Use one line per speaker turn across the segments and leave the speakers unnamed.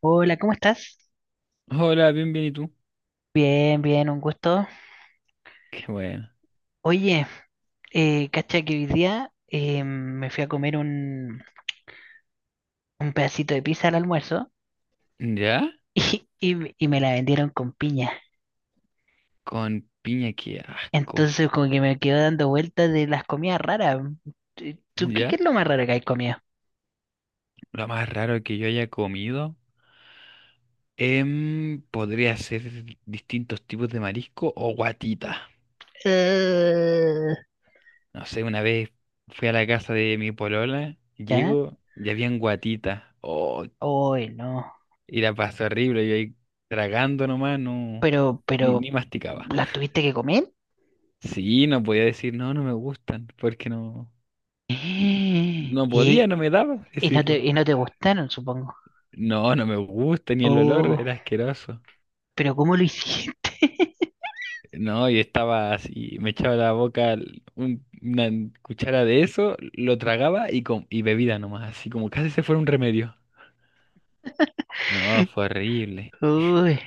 Hola, ¿cómo estás?
Hola, bien, bien, ¿y tú?
Bien, bien, un gusto.
Qué bueno.
Oye, cacha que hoy día me fui a comer un pedacito de pizza al almuerzo
¿Ya?
y me la vendieron con piña.
Con piña, qué asco.
Entonces como que me quedo dando vueltas de las comidas raras. ¿Tú tú qué
¿Ya?
es lo más raro que hay comido?
Lo más raro que yo haya comido podría ser distintos tipos de marisco o guatita.
Eh,
No sé, una vez fui a la casa de mi polola,
¿Ya?
llego y habían guatita. Oh,
Hoy no.
y la pasé horrible, yo ahí tragando nomás, no,
Pero,
ni,
pero,
ni masticaba.
¿Las tuviste que comer?
Sí, no podía decir, no, no me gustan, porque no,
Eh,
no podía,
Y,
no me daba para
y
decirlo.
y no te gustaron, supongo.
No, no me gusta ni el olor,
Oh,
era asqueroso.
pero ¿cómo lo hiciste?
No, y estaba así, me echaba a la boca una cuchara de eso, lo tragaba y, y bebida nomás, así como casi se fuera un remedio. No, fue horrible.
Uy,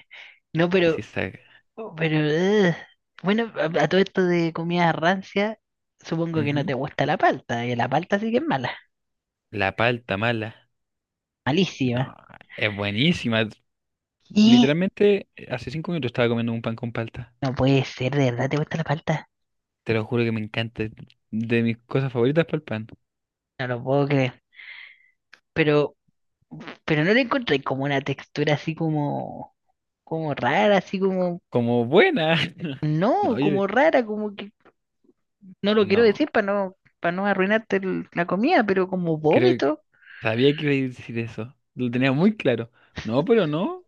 no,
Así está.
ugh. Bueno, a todo esto de comida rancia, supongo que no
Ujú.
te gusta la palta, que la palta sí que es mala,
La palta mala.
malísima.
No, es buenísima.
Y
Literalmente, hace 5 minutos estaba comiendo un pan con palta.
no puede ser, ¿de verdad te gusta la palta?
Te lo juro que me encanta. Es de mis cosas favoritas para el pan.
No lo puedo creer. Pero, pero no le encontré como una textura así como rara, así como,
Como buena. No,
no,
oye,
como rara, como que, no lo quiero
no.
decir para no arruinarte la comida, pero como
Creo que
vómito,
sabía que iba a decir eso. Lo tenía muy claro. No, pero no.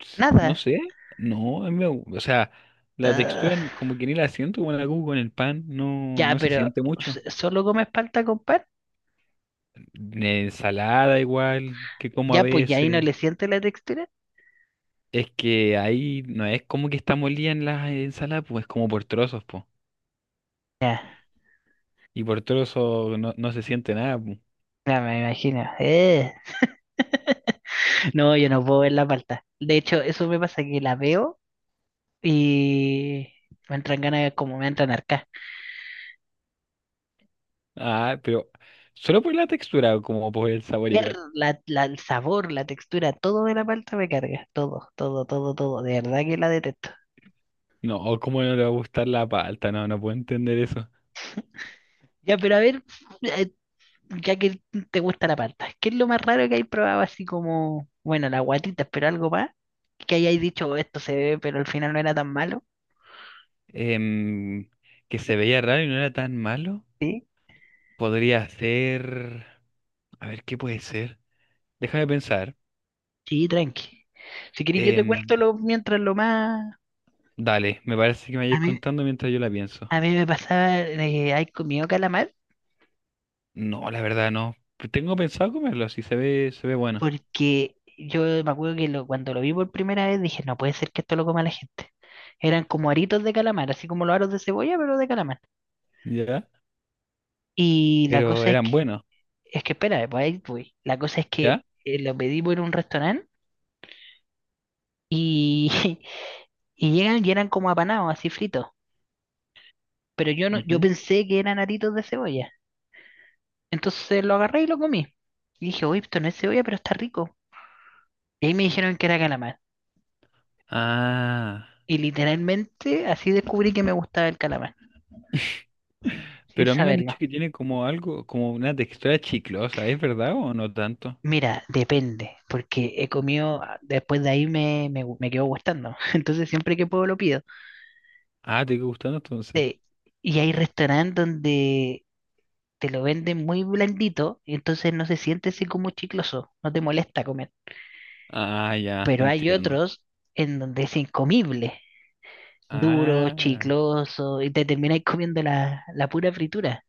No
nada.
sé. No, a mí o sea, la textura, como que ni la siento como la hago con el pan. No,
Ya,
no se
pero
siente mucho.
¿solo comes palta con pan?
La ensalada igual, que como a
Ya, pues ya ahí no
veces.
le siente la textura.
Es que ahí no es como que está molida en las ensaladas, pues es como por trozos, pues.
Ya,
Y por trozos no, no se siente nada, pues.
ya me imagino. No, yo no puedo ver la palta. De hecho, eso me pasa que la veo y me entran como me entran arcas.
Ah, pero solo por la textura, como por el sabor
Ver
igual.
el sabor, la textura, todo de la palta me carga. Todo, todo, todo, todo. De verdad que la detesto.
No, ¿cómo no le va a gustar la palta? No, no puedo entender eso.
Ya, pero a ver, ya que te gusta la palta, ¿qué es lo más raro que hay probado así como, bueno, las guatitas, pero algo más? Que hayáis dicho, "Oh, esto se ve, pero al final no era tan malo".
Em, que se veía raro y no era tan malo.
Sí,
Podría ser... A ver, ¿qué puede ser? Déjame pensar.
sí, tranqui. Si queréis, yo te
Em,
cuento lo, mientras lo más.
dale, me parece que me
A
vayas
mí,
contando mientras yo la pienso.
a mí me pasaba de haber comido calamar,
No, la verdad no. Pues tengo pensado comerlo, si se ve, se ve bueno.
porque yo me acuerdo que cuando lo vi por primera vez dije, no puede ser que esto lo coma la gente. Eran como aritos de calamar, así como los aros de cebolla, pero de calamar.
¿Ya?
Y la
Pero
cosa
eran buenos,
es que espérame, pues ahí voy. La cosa es que
¿ya?
lo pedimos en un restaurante y, y llegan y eran como apanados, así fritos. Pero yo no, yo
Ujú.
pensé que eran aritos de cebolla. Entonces lo agarré y lo comí. Y dije, uy, esto no es cebolla, pero está rico. Y ahí me dijeron que era calamar.
Ah.
Y literalmente así descubrí que me gustaba el calamar, sin
Pero a mí me han
saberlo.
dicho que tiene como algo, como una textura chiclosa, ¿es verdad o no tanto?
Mira, depende, porque he comido, después de ahí me quedó gustando. Entonces siempre que puedo lo pido.
Ah, ¿te quedó gustando entonces?
Eh, y hay restaurantes donde te lo venden muy blandito y entonces no se siente así como chicloso, no te molesta comer.
Ah, ya,
Pero hay
entiendo.
otros en donde es incomible, duro,
Ah,
chicloso y te termináis comiendo la pura fritura.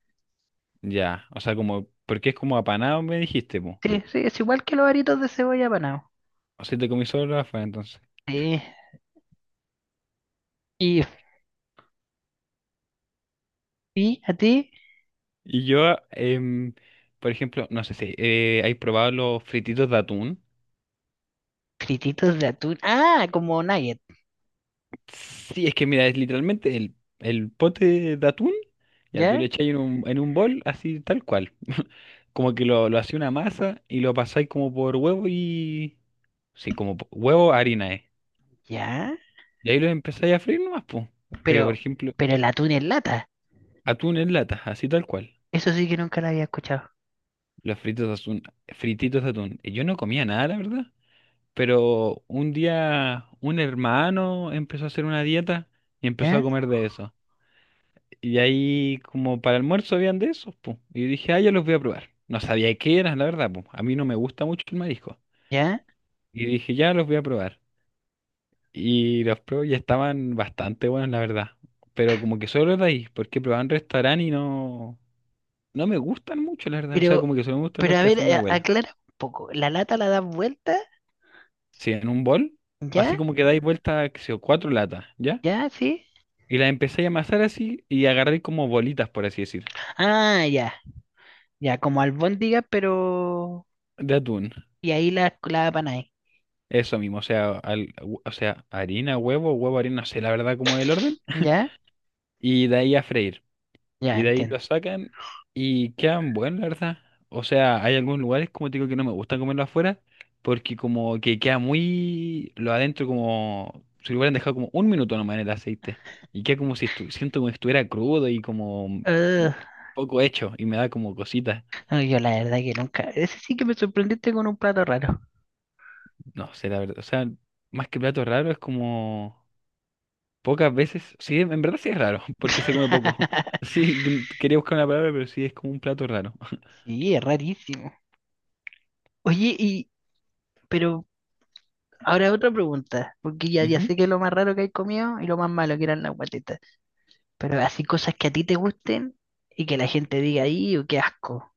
ya. O sea, como, porque es como apanado, me dijiste, po.
Sí, sí, es igual que los aritos de cebolla apanado.
O sea, te comí solo la fa, entonces.
Sí. Y, y a ti,
Y yo, por ejemplo, no sé si ¿hay probado los frititos de atún?
frititos de atún. Ah, como nugget,
Sí, es que mira, es literalmente el pote de atún. Ya tú
¿ya?
le echáis en un bol, así tal cual. Como que lo hacía una masa y lo pasáis como por huevo y. Sí, como huevo, harina,
¿Ya?
Y ahí lo empezáis a freír nomás, po. Pero por
Pero,
ejemplo.
pero el atún en lata.
Atún en lata, así tal cual.
Eso sí que nunca lo había escuchado.
Los fritos de atún, frititos de atún. Y yo no comía nada, la verdad. Pero un día un hermano empezó a hacer una dieta y empezó a
¿Ya?
comer de eso. Y ahí como para almuerzo habían de esos, po. Y dije, ah, ya los voy a probar. No sabía qué eran, la verdad, po. A mí no me gusta mucho el marisco.
¿Ya?
Y dije, ya los voy a probar. Y los probé y estaban bastante buenos, la verdad. Pero como que solo de ahí, porque probaba en restaurante y no, no me gustan mucho, la verdad. O
Pero,
sea, como que solo me gustan
pero
los
a
que
ver,
hace mi abuela.
aclara un poco. ¿La lata la das vuelta?
Sí, en un bol, así
¿Ya?
como que dais vuelta, qué sé yo, 4 latas, ¿ya?
¿Ya? ¿Sí?
Y las empecé a amasar así y agarré como bolitas, por así decir,
Ah, ya, ya, como albóndiga, pero...
de atún.
Y ahí la ahí.
Eso mismo, o sea, o sea, harina, huevo, huevo, harina, no sé la verdad cómo es el orden.
¿Ya?
Y de ahí a freír.
Ya,
Y de ahí lo
entiendo.
sacan y quedan buenos, la verdad. O sea, hay algunos lugares, como te digo, que no me gusta comerlo afuera, porque como que queda muy lo adentro, como si lo hubieran dejado como un minuto nomás en el aceite. Y queda como si siento como si estuviera crudo y como
Ugh,
poco hecho, y me da como cositas.
no, yo la verdad que nunca... Ese sí que me sorprendiste con un plato raro.
No sé, la verdad. O sea, más que plato raro, es como pocas veces. Sí, en verdad sí es raro, porque se come poco. Sí, quería buscar una palabra, pero sí es como un plato raro.
Sí, es rarísimo. Oye, y... Pero ahora otra pregunta, porque ya, ya
Ujú.
sé que lo más raro que hay comido y lo más malo que eran las guatetas. Pero así cosas que a ti te gusten y que la gente diga ahí, o qué asco.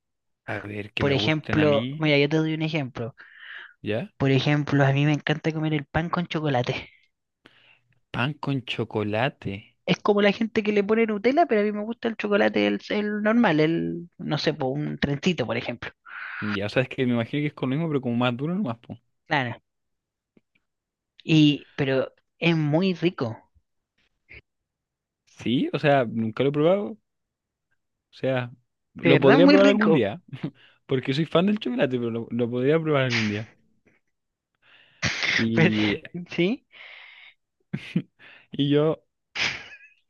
A ver, que
Por
me gusten a
ejemplo,
mí.
mira, yo te doy un ejemplo.
¿Ya?
Por ejemplo, a mí me encanta comer el pan con chocolate.
Pan con chocolate.
Es como la gente que le pone Nutella, pero a mí me gusta el chocolate, el normal, el, no sé, po, un trencito, por ejemplo.
Ya, o sea, es que me imagino que es con lo mismo, pero como más duro nomás, po.
Claro. Pero es muy rico.
Sí, o sea, nunca lo he probado. O sea,
De
lo
verdad,
podría
muy
probar algún
rico.
día, porque soy fan del chocolate, pero lo podría probar algún día.
Pero-
Y,
sí.
y yo,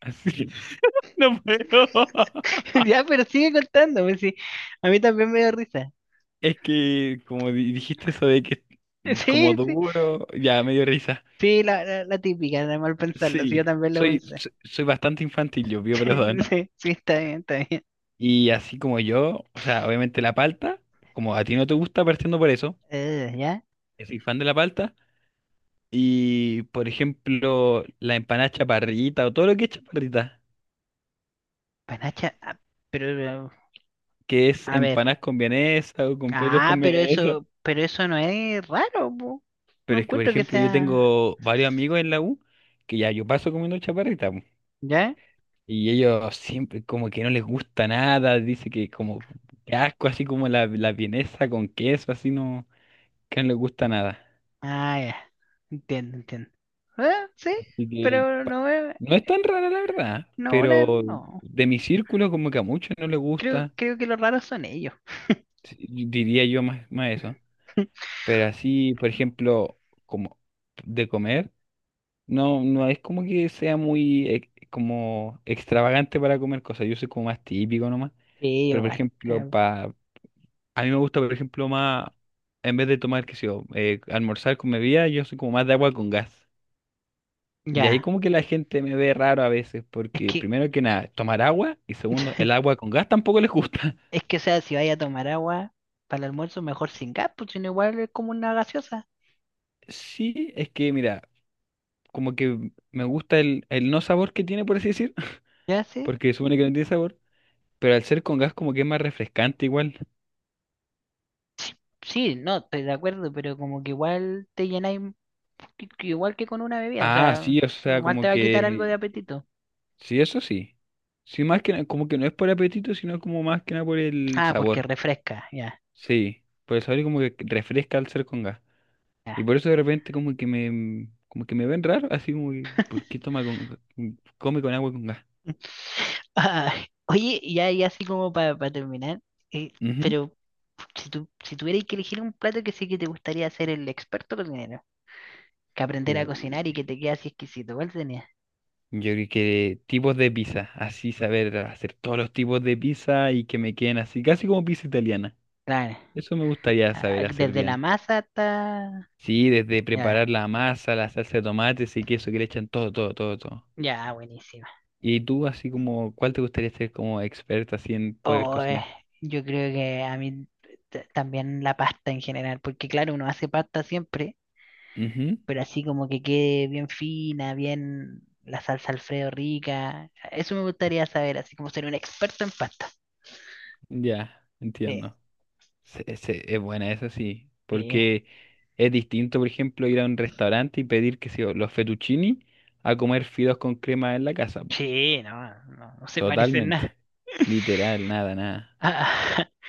así, no puedo.
Ya, pero sigue contando, pues sí. A mí también me da risa.
Es que, como dijiste eso de que es como
Sí, sí.
duro, ya me dio risa.
Sí, la típica, de mal pensarlo. Sí, yo
Sí,
también lo pensé.
soy bastante infantil, yo pido
Sí,
perdón.
sí, sí, está bien, está bien.
Y así como yo, o sea, obviamente la palta, como a ti no te gusta, partiendo por eso,
¿Ya?
que soy fan de la palta. Y por ejemplo, la empanada chaparrita o todo lo que es chaparrita,
Panacha, pero,
que es
a ver.
empanadas con vienesa o completos
Ah,
con vienesa.
pero eso no es raro, po. No
Pero es que, por
encuentro que
ejemplo, yo
sea.
tengo varios amigos en la U que ya yo paso comiendo chaparrita, po.
¿Ya?
Y ellos siempre como que no les gusta nada, dice que como que asco, así como la vienesa con queso, así no, que no les gusta nada.
Ah, ya. Entiendo, entiendo. Ah, sí,
Así que
pero no es.
no es tan rara la verdad,
No, ahora
pero
no.
de mi círculo como que a muchos no les
Creo,
gusta,
creo que los raros son ellos.
sí, diría yo más, más eso. Pero así, por ejemplo, como de comer, no, no es como que sea muy como extravagante para comer cosas. Yo soy como más típico nomás.
Sí,
Pero por
igual.
ejemplo, pa, a mí me gusta, por ejemplo, más, en vez de tomar, qué sé yo, almorzar con bebida, yo soy como más de agua con gas. Y ahí
Ya.
como que la gente me ve raro a veces,
Es
porque
que,
primero que nada, tomar agua y segundo, el agua con gas tampoco les gusta.
es que, o sea, si vaya a tomar agua para el almuerzo, mejor sin gas, pues sino igual es como una gaseosa.
Sí, es que mira, como que me gusta el no sabor que tiene, por así decir,
¿Ya sí?
porque supone que no tiene sabor, pero al ser con gas como que es más refrescante igual.
Sí, no, estoy de acuerdo, pero como que igual te llenáis un poquito, igual que con una bebida, o
Ah,
sea,
sí, o sea,
igual te
como
va a quitar algo de
que
apetito.
sí, eso sí. Sí, más que como que no es por apetito, sino como más que nada por el
Ah, porque
sabor.
refresca, ya.
Sí, por el sabor y como que refresca al ser con gas.
Ya.
Y por eso de repente como que me ven raro, así como que, ¿por qué toma con, come con agua con gas?
Ah, oye, ya, ya así como para terminar, eh,
Ujú.
pero si tuvieras que elegir un plato que sí que te gustaría ser el experto cocinero, que aprender a cocinar y
Uh,
que te quede así exquisito, ¿cuál sería?
Yo creo que tipos de pizza, así saber hacer todos los tipos de pizza y que me queden así, casi como pizza italiana.
Claro,
Eso me gustaría saber hacer
desde la
bien.
masa hasta...
Sí, desde preparar
Ya,
la masa, la salsa de tomates y queso que le echan todo, todo, todo, todo.
ya, buenísima.
Y tú, así como, ¿cuál te gustaría ser como experta así en poder
Oh,
cocinar?
yo creo que a mí también la pasta en general, porque claro, uno hace pasta siempre.
Ujú,
Pero así como que quede bien fina, bien la salsa Alfredo rica. Eso me gustaría saber, así como ser un experto en pasta.
ya,
Sí,
entiendo. Es buena esa sí,
sí,
porque es distinto, por ejemplo, ir a un restaurante y pedir, que sé yo, los fettuccini a comer fideos con crema en la casa, po.
sí, no, no, no se parece en nada.
Totalmente. Literal, nada, nada.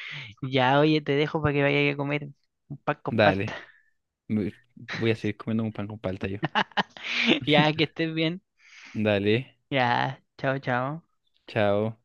Ya, oye, te dejo para que vayas a comer un pan con palta.
Dale. Me-, voy a seguir comiendo un pan con palta yo.
Ya, que estés bien.
Dale.
Ya, chao, chao.
Chao.